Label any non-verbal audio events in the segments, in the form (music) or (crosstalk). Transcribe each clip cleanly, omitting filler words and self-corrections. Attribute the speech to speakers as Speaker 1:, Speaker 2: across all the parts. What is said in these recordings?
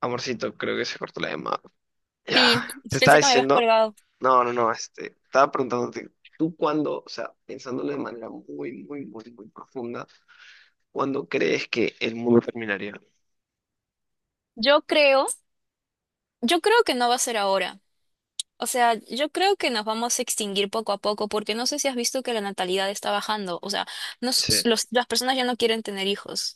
Speaker 1: Amorcito, creo que se cortó la llamada. Ya,
Speaker 2: Sí,
Speaker 1: te
Speaker 2: sí,
Speaker 1: estaba
Speaker 2: pensé que me habías
Speaker 1: diciendo.
Speaker 2: colgado.
Speaker 1: No, no, no, estaba preguntándote, ¿tú cuándo, o sea, pensándolo de manera muy, muy, muy, muy profunda, cuándo crees que el mundo terminaría?
Speaker 2: Yo creo, yo creo que no va a ser ahora. O sea, yo creo que nos vamos a extinguir poco a poco porque no sé si has visto que la natalidad está bajando. O sea,
Speaker 1: Sí,
Speaker 2: las personas ya no quieren tener hijos.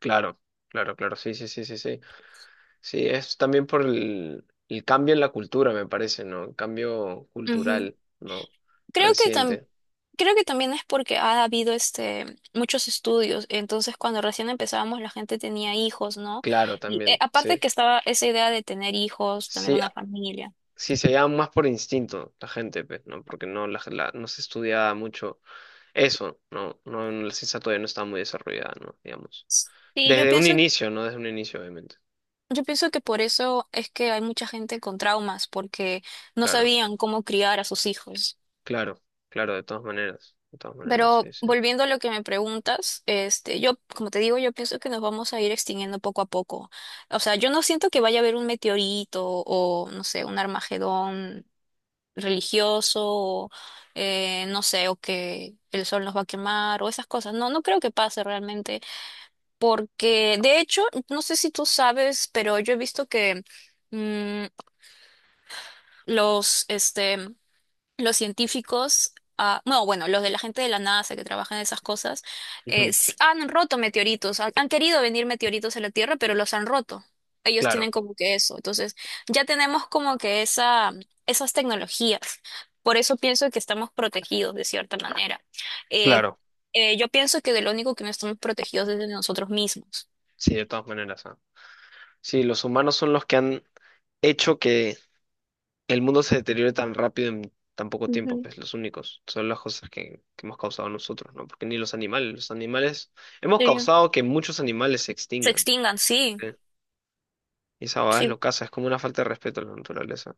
Speaker 1: claro, claro, claro, sí, sí, sí, sí, sí. Sí, es también por el cambio en la cultura, me parece, ¿no? El cambio
Speaker 2: Ujú.
Speaker 1: cultural, ¿no?
Speaker 2: Creo que tam-
Speaker 1: Reciente.
Speaker 2: Creo que también es porque ha habido muchos estudios. Entonces, cuando recién empezábamos, la gente tenía hijos, ¿no?
Speaker 1: Claro,
Speaker 2: Y
Speaker 1: también,
Speaker 2: aparte
Speaker 1: sí.
Speaker 2: que estaba esa idea de tener hijos, tener
Speaker 1: Sí,
Speaker 2: una familia.
Speaker 1: sí se llama más por instinto la gente, pues, ¿no? Porque no, no se estudia mucho. Eso, no, no, no, la ciencia todavía no está muy desarrollada, ¿no? Digamos.
Speaker 2: Sí, yo
Speaker 1: Desde un
Speaker 2: pienso
Speaker 1: inicio, no desde un inicio, obviamente.
Speaker 2: Yo pienso que por eso es que hay mucha gente con traumas, porque no
Speaker 1: Claro,
Speaker 2: sabían cómo criar a sus hijos.
Speaker 1: claro, claro, de todas maneras,
Speaker 2: Pero
Speaker 1: sí, sí.
Speaker 2: volviendo a lo que me preguntas, como te digo, yo pienso que nos vamos a ir extinguiendo poco a poco. O sea, yo no siento que vaya a haber un meteorito o, no sé, un Armagedón religioso, o, no sé, o que el sol nos va a quemar o esas cosas. No, no creo que pase realmente, porque de hecho, no sé si tú sabes, pero yo he visto que mm, los, este, los científicos, ah, no, bueno, los de la gente de la NASA que trabajan en esas cosas,
Speaker 1: Ujú.
Speaker 2: sí han roto meteoritos, han querido venir meteoritos a la Tierra, pero los han roto. Ellos tienen
Speaker 1: Claro,
Speaker 2: como que eso. Entonces, ya tenemos como que esas tecnologías. Por eso pienso que estamos protegidos de cierta manera. Eh,
Speaker 1: claro,
Speaker 2: yo pienso que de lo único que no estamos protegidos es de nosotros mismos.
Speaker 1: sí, de todas maneras. Ah. Sí, los humanos son los que han hecho que el mundo se deteriore tan rápido en tan poco tiempo,
Speaker 2: Ujú,
Speaker 1: pues los únicos, son las cosas que hemos causado nosotros, ¿no? Porque ni los animales, los animales, hemos
Speaker 2: sí.
Speaker 1: causado que muchos animales se
Speaker 2: Se
Speaker 1: extingan,
Speaker 2: extingan, sí.
Speaker 1: ¿eh? Y esa va es
Speaker 2: Sí,
Speaker 1: lo casa, es como una falta de respeto a la naturaleza.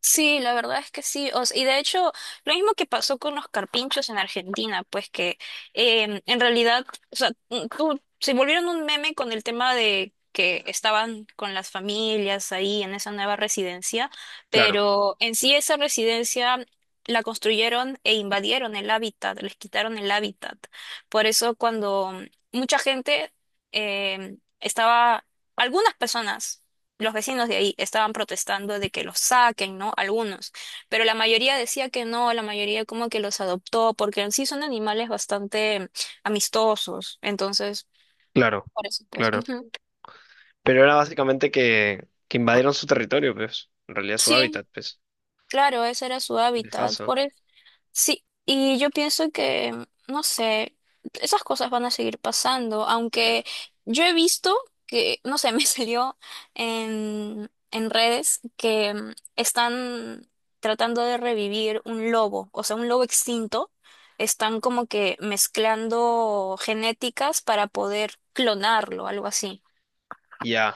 Speaker 2: sí, la verdad es que sí. Y de hecho, lo mismo que pasó con los carpinchos en Argentina, pues que en realidad, o sea, se volvieron un meme con el tema de que estaban con las familias ahí en esa nueva residencia,
Speaker 1: Claro.
Speaker 2: pero en sí esa residencia la construyeron e invadieron el hábitat, les quitaron el hábitat. Por eso cuando mucha gente em, estaba, algunas personas los vecinos de ahí estaban protestando de que los saquen, ¿no? Algunos, pero la mayoría decía que no, la mayoría como que los adoptó, porque en sí son animales bastante amistosos, entonces,
Speaker 1: Claro,
Speaker 2: por eso pues,
Speaker 1: claro.
Speaker 2: ujú.
Speaker 1: Pero era básicamente que invadieron su territorio, pues. En realidad su
Speaker 2: Sí,
Speaker 1: hábitat, pues.
Speaker 2: claro, ese era su hábitat,
Speaker 1: Dejazo.
Speaker 2: por eso. Sí, y yo pienso que, no sé, esas cosas van a seguir pasando,
Speaker 1: Eh,
Speaker 2: aunque yo he visto que, no sé, (laughs) me salió en redes que están tratando de revivir un lobo, o sea, un lobo extinto, están como que mezclando genéticas para poder clonarlo, algo así.
Speaker 1: ya,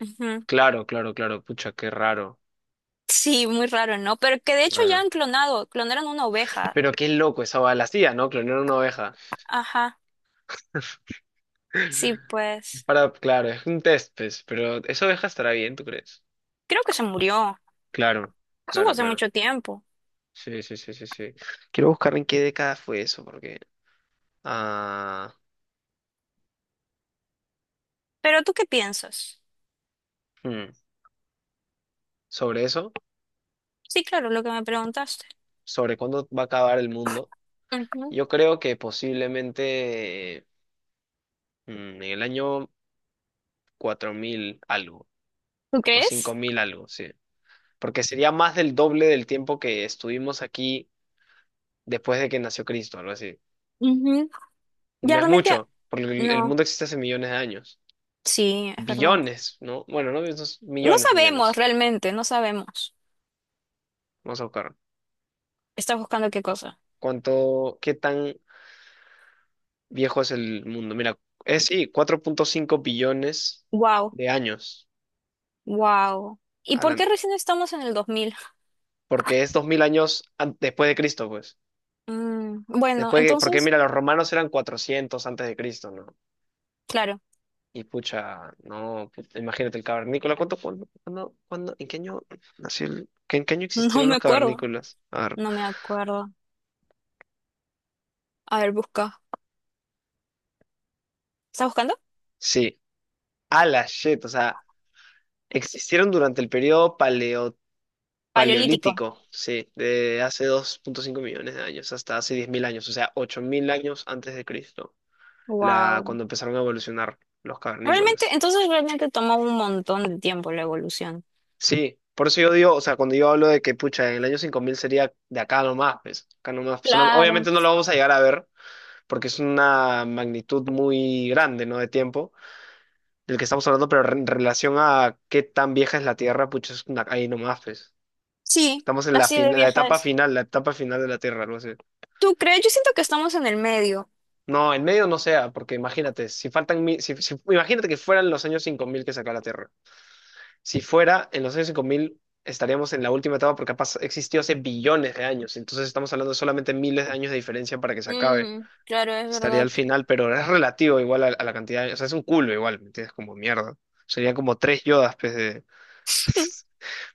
Speaker 2: Ujú.
Speaker 1: claro, claro, claro. Pucha, qué raro,
Speaker 2: Sí, muy raro, ¿no? Pero que de
Speaker 1: qué
Speaker 2: hecho ya
Speaker 1: raro.
Speaker 2: han clonado, clonaron una oveja.
Speaker 1: Pero qué loco esa oveja. La hacía, ¿no? Clonar una oveja.
Speaker 2: Ajá, sí,
Speaker 1: (laughs)
Speaker 2: pues,
Speaker 1: Para, claro, es un test, pues. Pero esa oveja estará bien, ¿tú crees?
Speaker 2: creo que se murió.
Speaker 1: Claro,
Speaker 2: Eso fue
Speaker 1: claro,
Speaker 2: hace
Speaker 1: claro.
Speaker 2: mucho tiempo.
Speaker 1: Sí, sí, sí, sí, sí. Quiero buscar en qué década fue eso, porque... Ah,
Speaker 2: Pero ¿tú qué piensas?
Speaker 1: hmm, sobre eso,
Speaker 2: Sí, claro, lo que me preguntaste.
Speaker 1: sobre cuándo va a acabar el mundo.
Speaker 2: Ujú.
Speaker 1: Yo creo que posiblemente en el año 4000 algo
Speaker 2: ¿Tú
Speaker 1: o cinco
Speaker 2: crees?
Speaker 1: mil algo, sí. Porque sería más del doble del tiempo que estuvimos aquí después de que nació Cristo, algo así.
Speaker 2: Ujú. Ya
Speaker 1: No es
Speaker 2: realmente,
Speaker 1: mucho, porque el
Speaker 2: no,
Speaker 1: mundo existe hace millones de años.
Speaker 2: sí, es verdad.
Speaker 1: Billones, ¿no? Bueno, no, esos
Speaker 2: No
Speaker 1: millones,
Speaker 2: sabemos
Speaker 1: millones.
Speaker 2: realmente, no sabemos.
Speaker 1: Vamos a buscar.
Speaker 2: ¿Estás buscando qué cosa?
Speaker 1: ¿Cuánto, qué tan viejo es el mundo? Mira, es sí, 4.5 billones
Speaker 2: Wow,
Speaker 1: de años.
Speaker 2: wow. ¿Y
Speaker 1: a
Speaker 2: por
Speaker 1: la-
Speaker 2: qué recién estamos en el 2000?
Speaker 1: Porque es 2000 años después de Cristo, pues.
Speaker 2: Mm, bueno,
Speaker 1: Después que, porque
Speaker 2: entonces,
Speaker 1: mira, los romanos eran 400 antes de Cristo, ¿no?
Speaker 2: claro,
Speaker 1: Y pucha, no, imagínate el cavernícola. ¿Cuánto, cuándo, cuándo, en qué año nació el, en qué año
Speaker 2: (laughs) no
Speaker 1: existieron
Speaker 2: me
Speaker 1: los
Speaker 2: acuerdo,
Speaker 1: cavernícolas? A ver,
Speaker 2: no me acuerdo. A ver, busca. ¿Estás buscando?
Speaker 1: sí, a la shit, o sea, existieron durante el periodo
Speaker 2: Paleolítico.
Speaker 1: paleolítico, sí, de hace 2.5 millones de años hasta hace 10,000 años, o sea, 8000 años antes de Cristo, la,
Speaker 2: Wow.
Speaker 1: cuando empezaron a evolucionar los
Speaker 2: Realmente,
Speaker 1: cavernícolas.
Speaker 2: entonces realmente tomó un montón de tiempo la evolución.
Speaker 1: Sí, por eso yo digo, o sea, cuando yo hablo de que, pucha, el año 5000 sería de acá nomás. Pues,
Speaker 2: Claro.
Speaker 1: obviamente no lo vamos a llegar a ver, porque es una magnitud muy grande, ¿no? De tiempo, del que estamos hablando, pero en relación a qué tan vieja es la Tierra, pucha, es una, ahí nomás, pues.
Speaker 2: Sí,
Speaker 1: Estamos en la,
Speaker 2: así de vieja es.
Speaker 1: la etapa final de la Tierra, algo así.
Speaker 2: ¿Tú crees? Yo siento que estamos en el medio.
Speaker 1: No, en medio no sea, porque imagínate, si faltan, si, imagínate que fueran los años 5000 que saca la Tierra. Si fuera en los años 5000 estaríamos en la última etapa porque ha existió hace billones de años. Entonces estamos hablando de solamente miles de años de diferencia para que se acabe.
Speaker 2: Mm, claro, es
Speaker 1: Estaría
Speaker 2: verdad.
Speaker 1: al final, pero es relativo igual a la cantidad de... O sea, es un culo igual, ¿me entiendes? Como mierda. Serían como tres yodas, pues, de,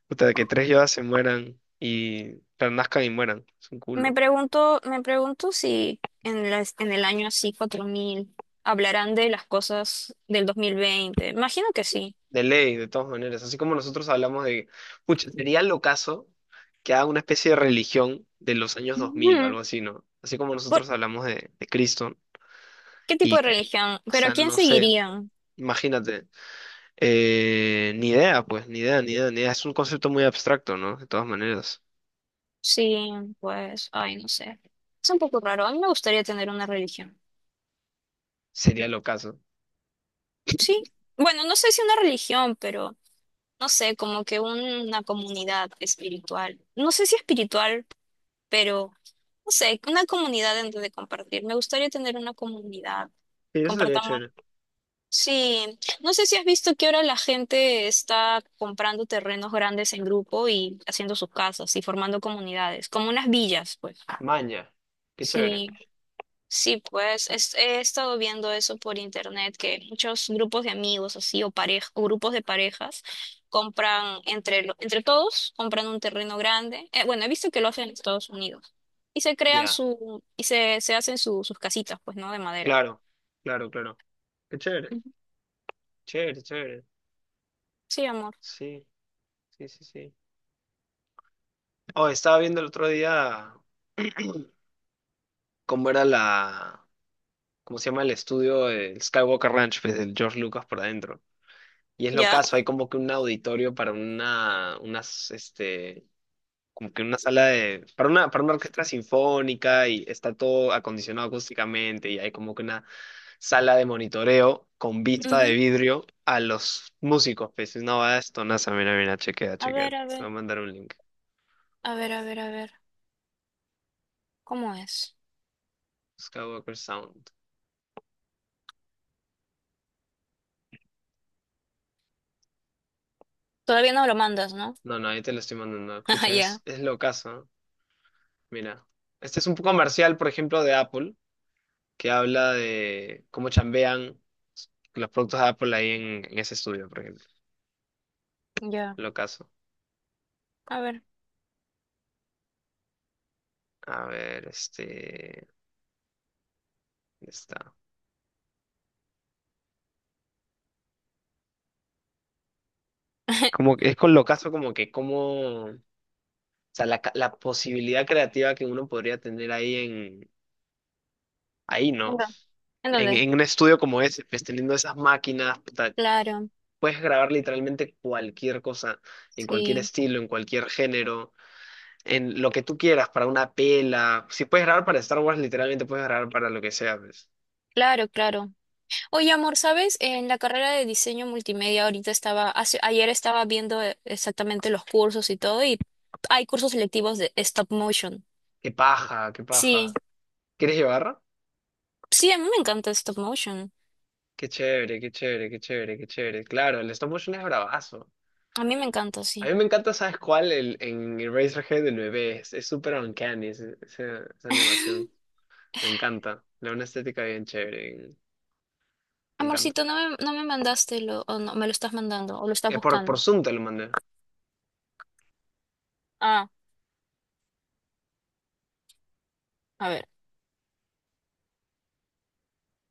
Speaker 1: puta, de que tres yodas se mueran y... Pero nazcan y mueran. Es un
Speaker 2: Me
Speaker 1: culo.
Speaker 2: pregunto, me pregunto si en el año así, 4000 hablarán de las cosas del 2020. Imagino que sí.
Speaker 1: De ley, de todas maneras. Así como nosotros hablamos de... Pucha, sería lo caso que haga una especie de religión de los años 2000 o
Speaker 2: Ujú.
Speaker 1: algo así, ¿no? Así como
Speaker 2: ¿Por
Speaker 1: nosotros hablamos de Cristo.
Speaker 2: qué tipo de
Speaker 1: Y,
Speaker 2: religión?
Speaker 1: o
Speaker 2: ¿Pero a
Speaker 1: sea,
Speaker 2: quién
Speaker 1: no sé,
Speaker 2: seguirían?
Speaker 1: imagínate. Ni idea, pues, ni idea, ni idea, ni idea. Es un concepto muy abstracto, ¿no? De todas maneras.
Speaker 2: Sí, pues, ay, no sé. Es un poco raro. A mí me gustaría tener una religión.
Speaker 1: Sería lo caso.
Speaker 2: Sí. Bueno, no sé si una religión, pero no sé, como que una comunidad espiritual. No sé si espiritual, pero no sé, una comunidad en donde compartir. Me gustaría tener una comunidad.
Speaker 1: Sí, eso sería
Speaker 2: Compartamos.
Speaker 1: chévere.
Speaker 2: Sí, no sé si has visto que ahora la gente está comprando terrenos grandes en grupo y haciendo sus casas y formando comunidades, como unas villas, pues.
Speaker 1: Maña. Qué chévere.
Speaker 2: Sí. Sí, pues he estado viendo eso por internet, que muchos grupos de amigos así o pareja, o grupos de parejas compran entre todos, compran un terreno grande. Bueno, he visto que lo hacen en Estados Unidos. Y se crean
Speaker 1: Ya.
Speaker 2: su, y se hacen sus casitas, pues, ¿no? De madera.
Speaker 1: Claro, claro, claro. Qué chévere.
Speaker 2: Ujú.
Speaker 1: Chévere, chévere.
Speaker 2: Sí, amor.
Speaker 1: Sí, sí, sí, sí. Oh, estaba viendo el otro día (clears throat) cómo era cómo se llama el estudio, el Skywalker Ranch, pues el George Lucas por adentro. Y es lo
Speaker 2: ¿Ya?
Speaker 1: caso, hay como que un auditorio para una, unas, como que una sala de, para una orquesta sinfónica y está todo acondicionado acústicamente y hay como que una sala de monitoreo con vista de
Speaker 2: Ujú.
Speaker 1: vidrio a los músicos. Pues no va esto, nasa, mira, mira, chequea,
Speaker 2: A
Speaker 1: chequea.
Speaker 2: ver,
Speaker 1: Te
Speaker 2: a
Speaker 1: voy
Speaker 2: ver,
Speaker 1: a mandar un link.
Speaker 2: a ver, a ver, a ver. ¿Cómo es?
Speaker 1: Skywalker Sound.
Speaker 2: Todavía no lo mandas, ¿no?
Speaker 1: No, no, ahí te lo estoy mandando.
Speaker 2: (laughs) Ah,
Speaker 1: Pucha,
Speaker 2: ya,
Speaker 1: es locazo, ¿no? Mira. Este es un comercial, por ejemplo, de Apple, que habla de cómo chambean los productos de Apple ahí en ese estudio, por ejemplo.
Speaker 2: ya.
Speaker 1: Locazo.
Speaker 2: A ver.
Speaker 1: A ver, este. Está. Como
Speaker 2: (laughs)
Speaker 1: que es con lo caso como que como, o sea, la, la posibilidad creativa que uno podría tener ahí en, ahí, ¿no?
Speaker 2: ¿En dó- en
Speaker 1: En,
Speaker 2: dónde?
Speaker 1: en un estudio como ese, pues teniendo esas máquinas, puta,
Speaker 2: Claro,
Speaker 1: puedes grabar literalmente cualquier cosa, en cualquier
Speaker 2: sí.
Speaker 1: estilo, en cualquier género, en lo que tú quieras, para una pela. Si puedes grabar para Star Wars, literalmente puedes grabar para lo que sea, pues.
Speaker 2: Claro, claro. Oye, amor, ¿sabes? En la carrera de diseño multimedia ahorita estaba, hace- ayer estaba viendo exactamente los cursos y todo, y hay cursos selectivos de stop motion.
Speaker 1: Qué paja, qué
Speaker 2: Sí,
Speaker 1: paja. ¿Quieres llevar?
Speaker 2: sí, a mí me encanta stop motion.
Speaker 1: Qué chévere, qué chévere, qué chévere, qué chévere. Claro, el stop motion es bravazo.
Speaker 2: A mí me encanta,
Speaker 1: A
Speaker 2: sí.
Speaker 1: mí me encanta, ¿sabes cuál? El, en Eraserhead, el bebé. Es súper uncanny esa animación.
Speaker 2: (laughs)
Speaker 1: Me encanta. Le da una estética bien chévere. Me encanta.
Speaker 2: Amorcito, no me mandaste lo, o no, me lo estás mandando, o lo estás
Speaker 1: Es por,
Speaker 2: buscando.
Speaker 1: por Zoom te lo mandé.
Speaker 2: Ah, a ver.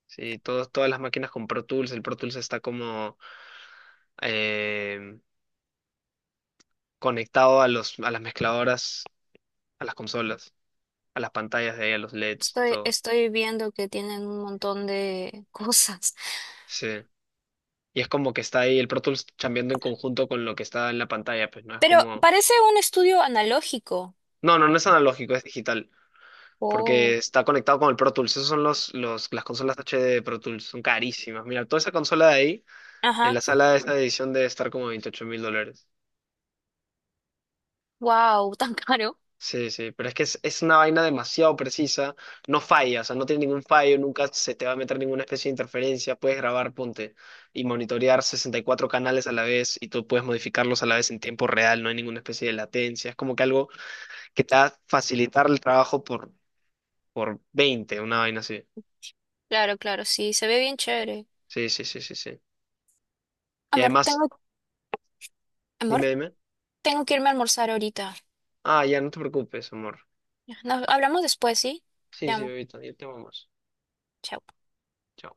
Speaker 1: Sí, todos, todas las máquinas con Pro Tools. El Pro Tools está como eh, conectado a los, a las mezcladoras, a las consolas, a las pantallas de ahí, a los LEDs,
Speaker 2: Estoy,
Speaker 1: todo.
Speaker 2: estoy viendo que tienen un montón de (laughs) cosas.
Speaker 1: Sí. Y es como que está ahí el Pro Tools chambeando en conjunto con lo que está en la pantalla, pues no es
Speaker 2: Pero
Speaker 1: como...
Speaker 2: parece un estudio analógico.
Speaker 1: No, no, no es analógico, es digital.
Speaker 2: Oh.
Speaker 1: Porque está conectado con el Pro Tools. Esos son las consolas HD de Pro Tools, son carísimas. Mira, toda esa consola de ahí, en
Speaker 2: Ajá.
Speaker 1: la sala de esta edición debe estar como $28,000.
Speaker 2: Wow, tan caro.
Speaker 1: Sí, sí, pero es que es una vaina demasiado precisa, no falla, o sea, no tiene ningún fallo, nunca se te va a meter ninguna especie de interferencia, puedes grabar, ponte, y monitorear 64 canales a la vez y tú puedes modificarlos a la vez en tiempo real, no hay ninguna especie de latencia, es como que algo que te va a facilitar el trabajo por, 20 una vaina así.
Speaker 2: Claro, claro, sí, se ve bien chévere.
Speaker 1: Sí, sí, sí, sí, sí. Y
Speaker 2: Amor,
Speaker 1: además
Speaker 2: tengo, amor,
Speaker 1: dime, dime.
Speaker 2: tengo que irme a almorzar ahorita.
Speaker 1: Ah, ya no te preocupes, amor.
Speaker 2: Nos hablamos después, ¿sí?
Speaker 1: Sí,
Speaker 2: Te
Speaker 1: sí,
Speaker 2: amo.
Speaker 1: ahorita, ya te vamos.
Speaker 2: Chao.
Speaker 1: Chao.